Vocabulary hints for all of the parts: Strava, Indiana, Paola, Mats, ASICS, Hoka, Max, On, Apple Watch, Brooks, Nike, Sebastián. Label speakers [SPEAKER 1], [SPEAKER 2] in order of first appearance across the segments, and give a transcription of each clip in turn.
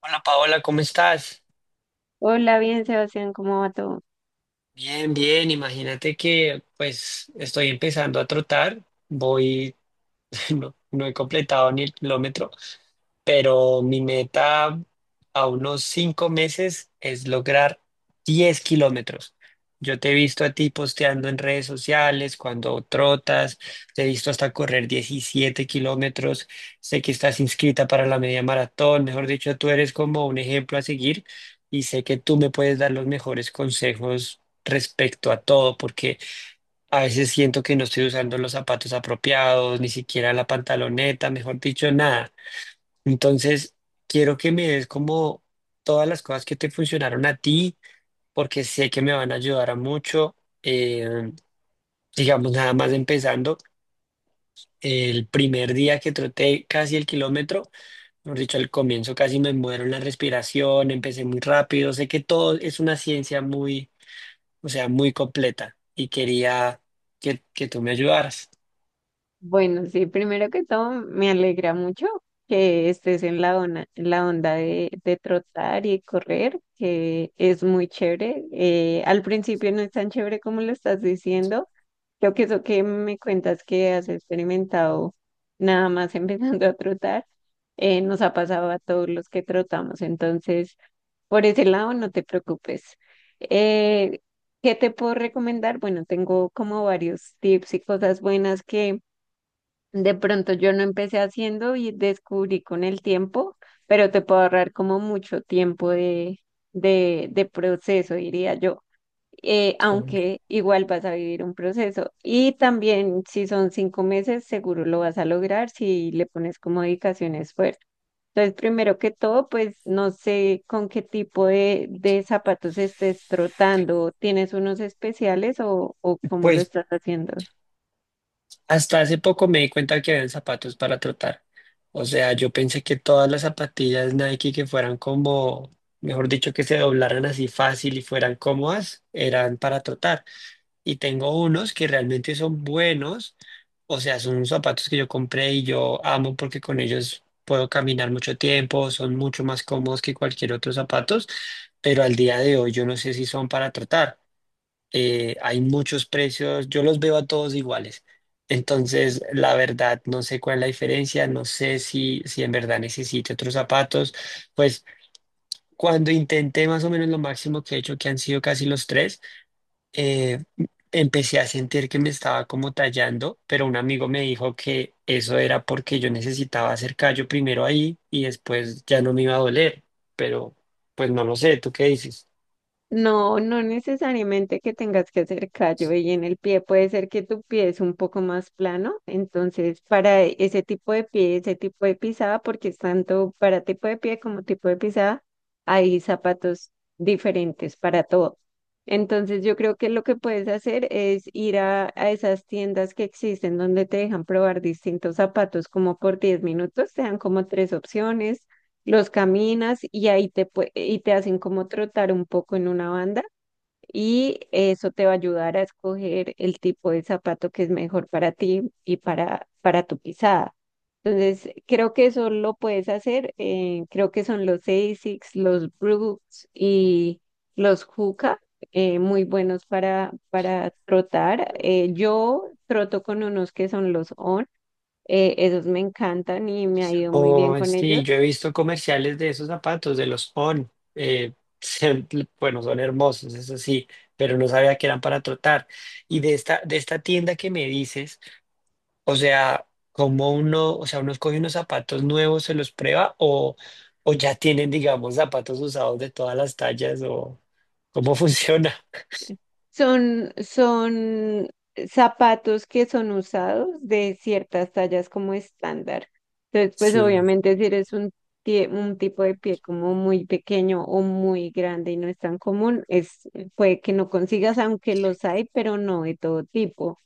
[SPEAKER 1] Hola Paola, ¿cómo estás?
[SPEAKER 2] Hola, bien, Sebastián, ¿cómo va todo?
[SPEAKER 1] Bien, bien, imagínate que pues estoy empezando a trotar, voy no, no he completado ni el kilómetro, pero mi meta a unos 5 meses es lograr 10 kilómetros. Yo te he visto a ti posteando en redes sociales cuando trotas, te he visto hasta correr 17 kilómetros, sé que estás inscrita para la media maratón, mejor dicho, tú eres como un ejemplo a seguir y sé que tú me puedes dar los mejores consejos respecto a todo, porque a veces siento que no estoy usando los zapatos apropiados, ni siquiera la pantaloneta, mejor dicho, nada. Entonces, quiero que me des como todas las cosas que te funcionaron a ti, porque sé que me van a ayudar a mucho. Eh, digamos, nada más empezando, el primer día que troté casi el kilómetro, mejor dicho, al comienzo casi me muero en la respiración, empecé muy rápido. Sé que todo es una ciencia muy, o sea, muy completa y quería que tú me ayudaras.
[SPEAKER 2] Bueno, sí, primero que todo, me alegra mucho que estés en la onda de trotar y correr, que es muy chévere. Al principio no es tan chévere como lo estás diciendo. Creo que eso que me cuentas que has experimentado nada más empezando a trotar, nos ha pasado a todos los que trotamos. Entonces, por ese lado, no te preocupes. Eh, ¿qué te puedo recomendar? Bueno, tengo como varios tips y cosas buenas que de pronto yo no empecé haciendo y descubrí con el tiempo, pero te puedo ahorrar como mucho tiempo de proceso, diría yo. Eh,
[SPEAKER 1] Pero bueno.
[SPEAKER 2] aunque igual vas a vivir un proceso. Y también si son 5 meses, seguro lo vas a lograr si le pones como dedicación, esfuerzo. Entonces, primero que todo, pues no sé con qué tipo de zapatos estés trotando. ¿Tienes unos especiales o cómo lo
[SPEAKER 1] Pues
[SPEAKER 2] estás haciendo?
[SPEAKER 1] hasta hace poco me di cuenta que habían zapatos para trotar. O sea, yo pensé que todas las zapatillas Nike que fueran como, mejor dicho, que se doblaran así fácil y fueran cómodas, eran para trotar. Y tengo unos que realmente son buenos. O sea, son unos zapatos que yo compré y yo amo porque con ellos puedo caminar mucho tiempo, son mucho más cómodos que cualquier otro zapatos, pero al día de hoy yo no sé si son para trotar. Hay muchos precios, yo los veo a todos iguales. Entonces, la verdad, no sé cuál es la diferencia, no sé si en verdad necesite otros zapatos. Pues cuando intenté más o menos lo máximo que he hecho, que han sido casi los tres, eh, empecé a sentir que me estaba como tallando, pero un amigo me dijo que eso era porque yo necesitaba hacer callo primero ahí y después ya no me iba a doler, pero pues no lo sé, ¿tú qué dices?
[SPEAKER 2] No, no necesariamente que tengas que hacer callo y en el pie puede ser que tu pie es un poco más plano, entonces para ese tipo de pie, ese tipo de pisada, porque es tanto para tipo de pie como tipo de pisada, hay zapatos diferentes para todo. Entonces yo creo que lo que puedes hacer es ir a esas tiendas que existen donde te dejan probar distintos zapatos como por 10 minutos, te dan como tres opciones, los caminas y ahí y te hacen como trotar un poco en una banda, y eso te va a ayudar a escoger el tipo de zapato que es mejor para ti y para tu pisada. Entonces, creo que eso lo puedes hacer. Creo que son los ASICS, los Brooks y los Hoka, muy buenos para trotar. Yo troto con unos que son los On. Esos me encantan y me ha ido muy bien
[SPEAKER 1] Oh,
[SPEAKER 2] con ellos.
[SPEAKER 1] sí, yo he visto comerciales de esos zapatos, de los On. Se- bueno, son hermosos, eso sí, pero no sabía que eran para trotar. Y de esta tienda que me dices, o sea, ¿cómo uno, o sea, uno escoge unos zapatos nuevos, se los prueba o ya tienen, digamos, zapatos usados de todas las tallas o cómo funciona?
[SPEAKER 2] Son zapatos que son usados de ciertas tallas como estándar. Entonces, pues
[SPEAKER 1] Sí.
[SPEAKER 2] obviamente si eres un tipo de pie como muy pequeño o muy grande y no es tan común, es, puede que no consigas, aunque los hay, pero no de todo tipo.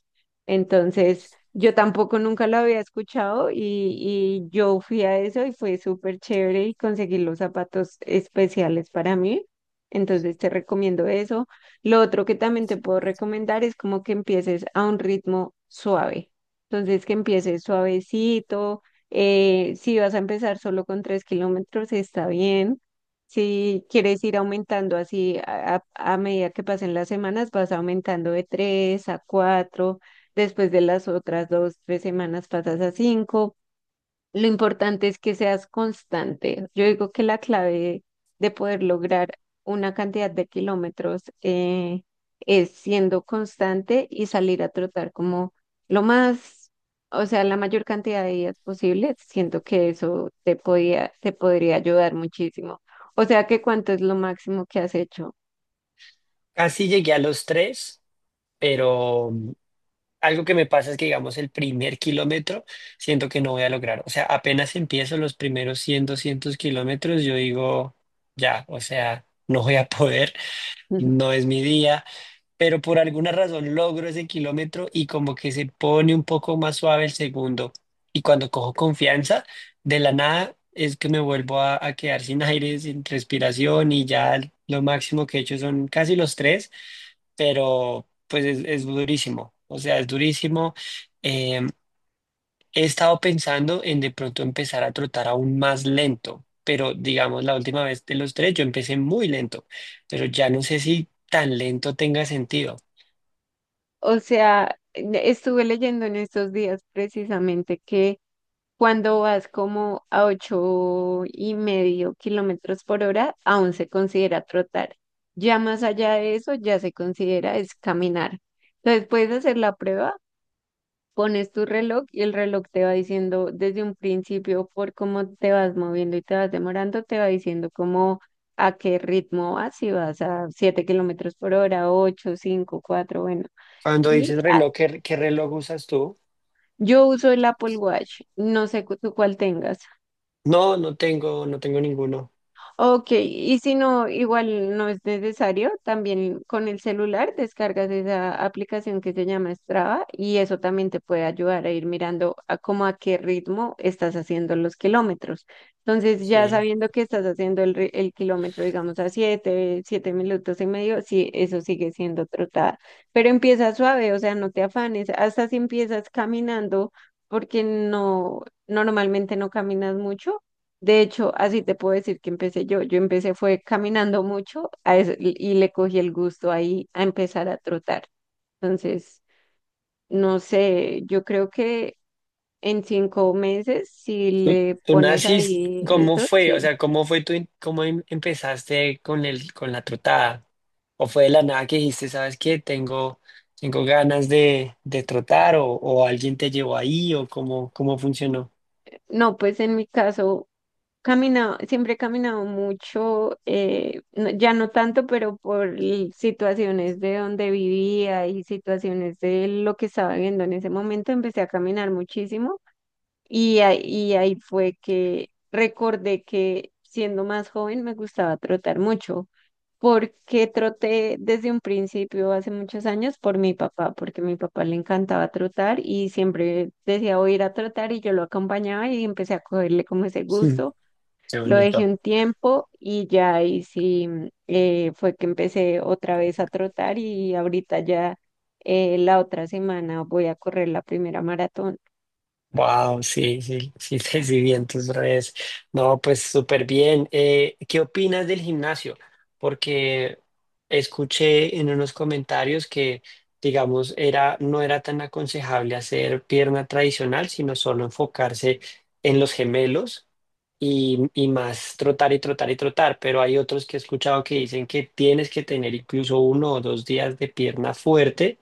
[SPEAKER 2] Entonces, yo tampoco nunca lo había escuchado y yo fui a eso y fue súper chévere y conseguí los zapatos especiales para mí. Entonces, te recomiendo eso. Lo otro que también te puedo recomendar es como que empieces a un ritmo suave. Entonces, que empieces suavecito. Si vas a empezar solo con 3 kilómetros, está bien. Si quieres ir aumentando así a medida que pasen las semanas, vas aumentando de tres a cuatro. Después de las otras 2, 3 semanas pasas a cinco. Lo importante es que seas constante. Yo digo que la clave de poder lograr una cantidad de kilómetros es siendo constante y salir a trotar como lo más, o sea, la mayor cantidad de días posible. Siento que eso te podía, te podría ayudar muchísimo. O sea, ¿que cuánto es lo máximo que has hecho?
[SPEAKER 1] Casi llegué a los tres, pero... Algo que me pasa es que, digamos, el primer kilómetro siento que no voy a lograr. O sea, apenas empiezo los primeros 100 200 kilómetros, yo digo, ya, o sea, no voy a poder, no es mi día, pero por alguna razón logro ese kilómetro y como que se pone un poco más suave el segundo. Y cuando cojo confianza, de la nada es que me vuelvo a quedar sin aire, sin respiración y ya lo máximo que he hecho son casi los tres pero pues es durísimo, o sea, es durísimo. Eh, he estado pensando en de pronto empezar a trotar aún más lento, pero digamos, la última vez de los tres yo empecé muy lento, pero ya no sé si tan lento tenga sentido.
[SPEAKER 2] O sea, estuve leyendo en estos días precisamente que cuando vas como a 8,5 kilómetros por hora, aún se considera trotar. Ya más allá de eso, ya se considera es caminar. Entonces puedes hacer la prueba, pones tu reloj y el reloj te va diciendo desde un principio por cómo te vas moviendo y te vas demorando, te va diciendo cómo a qué ritmo vas, si vas a 7 kilómetros por hora, ocho, cinco, cuatro, bueno.
[SPEAKER 1] Cuando
[SPEAKER 2] Y
[SPEAKER 1] dices
[SPEAKER 2] ah,
[SPEAKER 1] reloj, ¿qué reloj usas tú?
[SPEAKER 2] yo uso el Apple Watch, no sé tú cuál tengas.
[SPEAKER 1] No, no tengo ninguno.
[SPEAKER 2] Ok, y si no, igual no es necesario, también con el celular descargas esa aplicación que se llama Strava y eso también te puede ayudar a ir mirando a cómo a qué ritmo estás haciendo los kilómetros. Entonces, ya
[SPEAKER 1] Sí.
[SPEAKER 2] sabiendo que estás haciendo el kilómetro, digamos, a 7, 7 minutos y medio, sí, eso sigue siendo trotada, pero empieza suave, o sea, no te afanes, hasta si empiezas caminando, porque no, normalmente no caminas mucho. De hecho, así te puedo decir que empecé yo. Yo empecé fue caminando mucho a eso, y le cogí el gusto ahí a empezar a trotar. Entonces, no sé, yo creo que en 5 meses, si
[SPEAKER 1] ¿Tú,
[SPEAKER 2] le
[SPEAKER 1] tú
[SPEAKER 2] pones
[SPEAKER 1] naciste?
[SPEAKER 2] ahí
[SPEAKER 1] ¿Cómo
[SPEAKER 2] eso,
[SPEAKER 1] fue? O
[SPEAKER 2] sí.
[SPEAKER 1] sea, ¿cómo fue tú, cómo empezaste con con la trotada? ¿O fue de la nada que dijiste, sabes qué, tengo ganas de trotar o alguien te llevó ahí o cómo funcionó?
[SPEAKER 2] No, pues en mi caso, caminado, siempre he caminado mucho, ya no tanto, pero situaciones de donde vivía y situaciones de lo que estaba viendo en ese momento, empecé a caminar muchísimo. Y ahí fue que recordé que siendo más joven me gustaba trotar mucho, porque troté desde un principio hace muchos años por mi papá, porque a mi papá le encantaba trotar y siempre decía voy a ir a trotar y yo lo acompañaba y empecé a cogerle como ese
[SPEAKER 1] Mm,
[SPEAKER 2] gusto.
[SPEAKER 1] qué
[SPEAKER 2] Lo dejé
[SPEAKER 1] bonito.
[SPEAKER 2] un tiempo y ya ahí sí fue que empecé otra vez a trotar y ahorita ya, la otra semana voy a correr la primera maratón.
[SPEAKER 1] Wow, sí, sí, sí, te vi en tus redes. No, pues súper bien. ¿Qué opinas del gimnasio? Porque escuché en unos comentarios que, digamos, no era tan aconsejable hacer pierna tradicional, sino solo enfocarse en los gemelos y más trotar y trotar y trotar, pero hay otros que he escuchado que dicen que tienes que tener incluso 1 o 2 días de pierna fuerte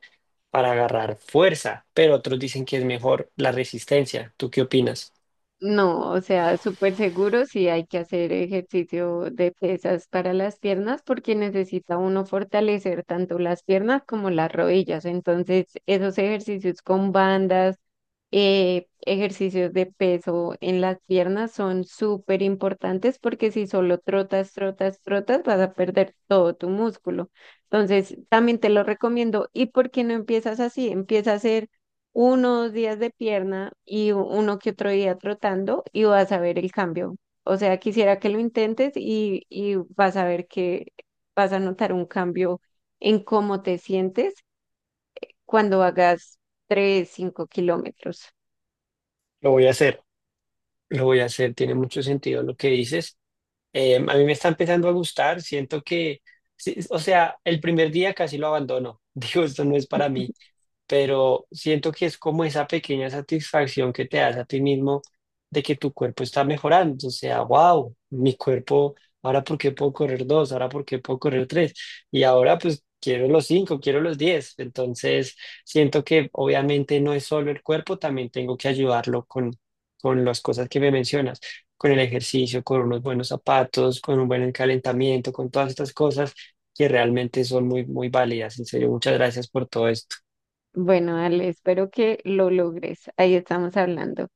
[SPEAKER 1] para agarrar fuerza, pero otros dicen que es mejor la resistencia. ¿Tú qué opinas?
[SPEAKER 2] No, o sea, súper seguro sí hay que hacer ejercicio de pesas para las piernas porque necesita uno fortalecer tanto las piernas como las rodillas. Entonces, esos ejercicios con bandas, ejercicios de peso en las piernas son súper importantes porque si solo trotas, trotas, trotas, vas a perder todo tu músculo. Entonces, también te lo recomiendo. ¿Y por qué no empiezas así? Empieza a hacer unos días de pierna y uno que otro día trotando y vas a ver el cambio. O sea, quisiera que lo intentes y vas a ver que vas a notar un cambio en cómo te sientes cuando hagas 3, 5 kilómetros.
[SPEAKER 1] Lo voy a hacer, lo voy a hacer, tiene mucho sentido lo que dices. A mí me está empezando a gustar, siento que, sí, o sea, el primer día casi lo abandono, digo, esto no es para mí, pero siento que es como esa pequeña satisfacción que te das a ti mismo de que tu cuerpo está mejorando, o sea, wow, mi cuerpo, ahora por qué puedo correr dos, ahora por qué puedo correr tres, y ahora pues quiero los cinco, quiero los diez, entonces siento que obviamente no es solo el cuerpo, también tengo que ayudarlo con, las cosas que me mencionas. Con el ejercicio, con unos buenos zapatos, con un buen calentamiento, con todas estas cosas que realmente son muy, muy válidas. En serio, muchas gracias por todo esto.
[SPEAKER 2] Bueno, Ale, espero que lo logres. Ahí estamos hablando.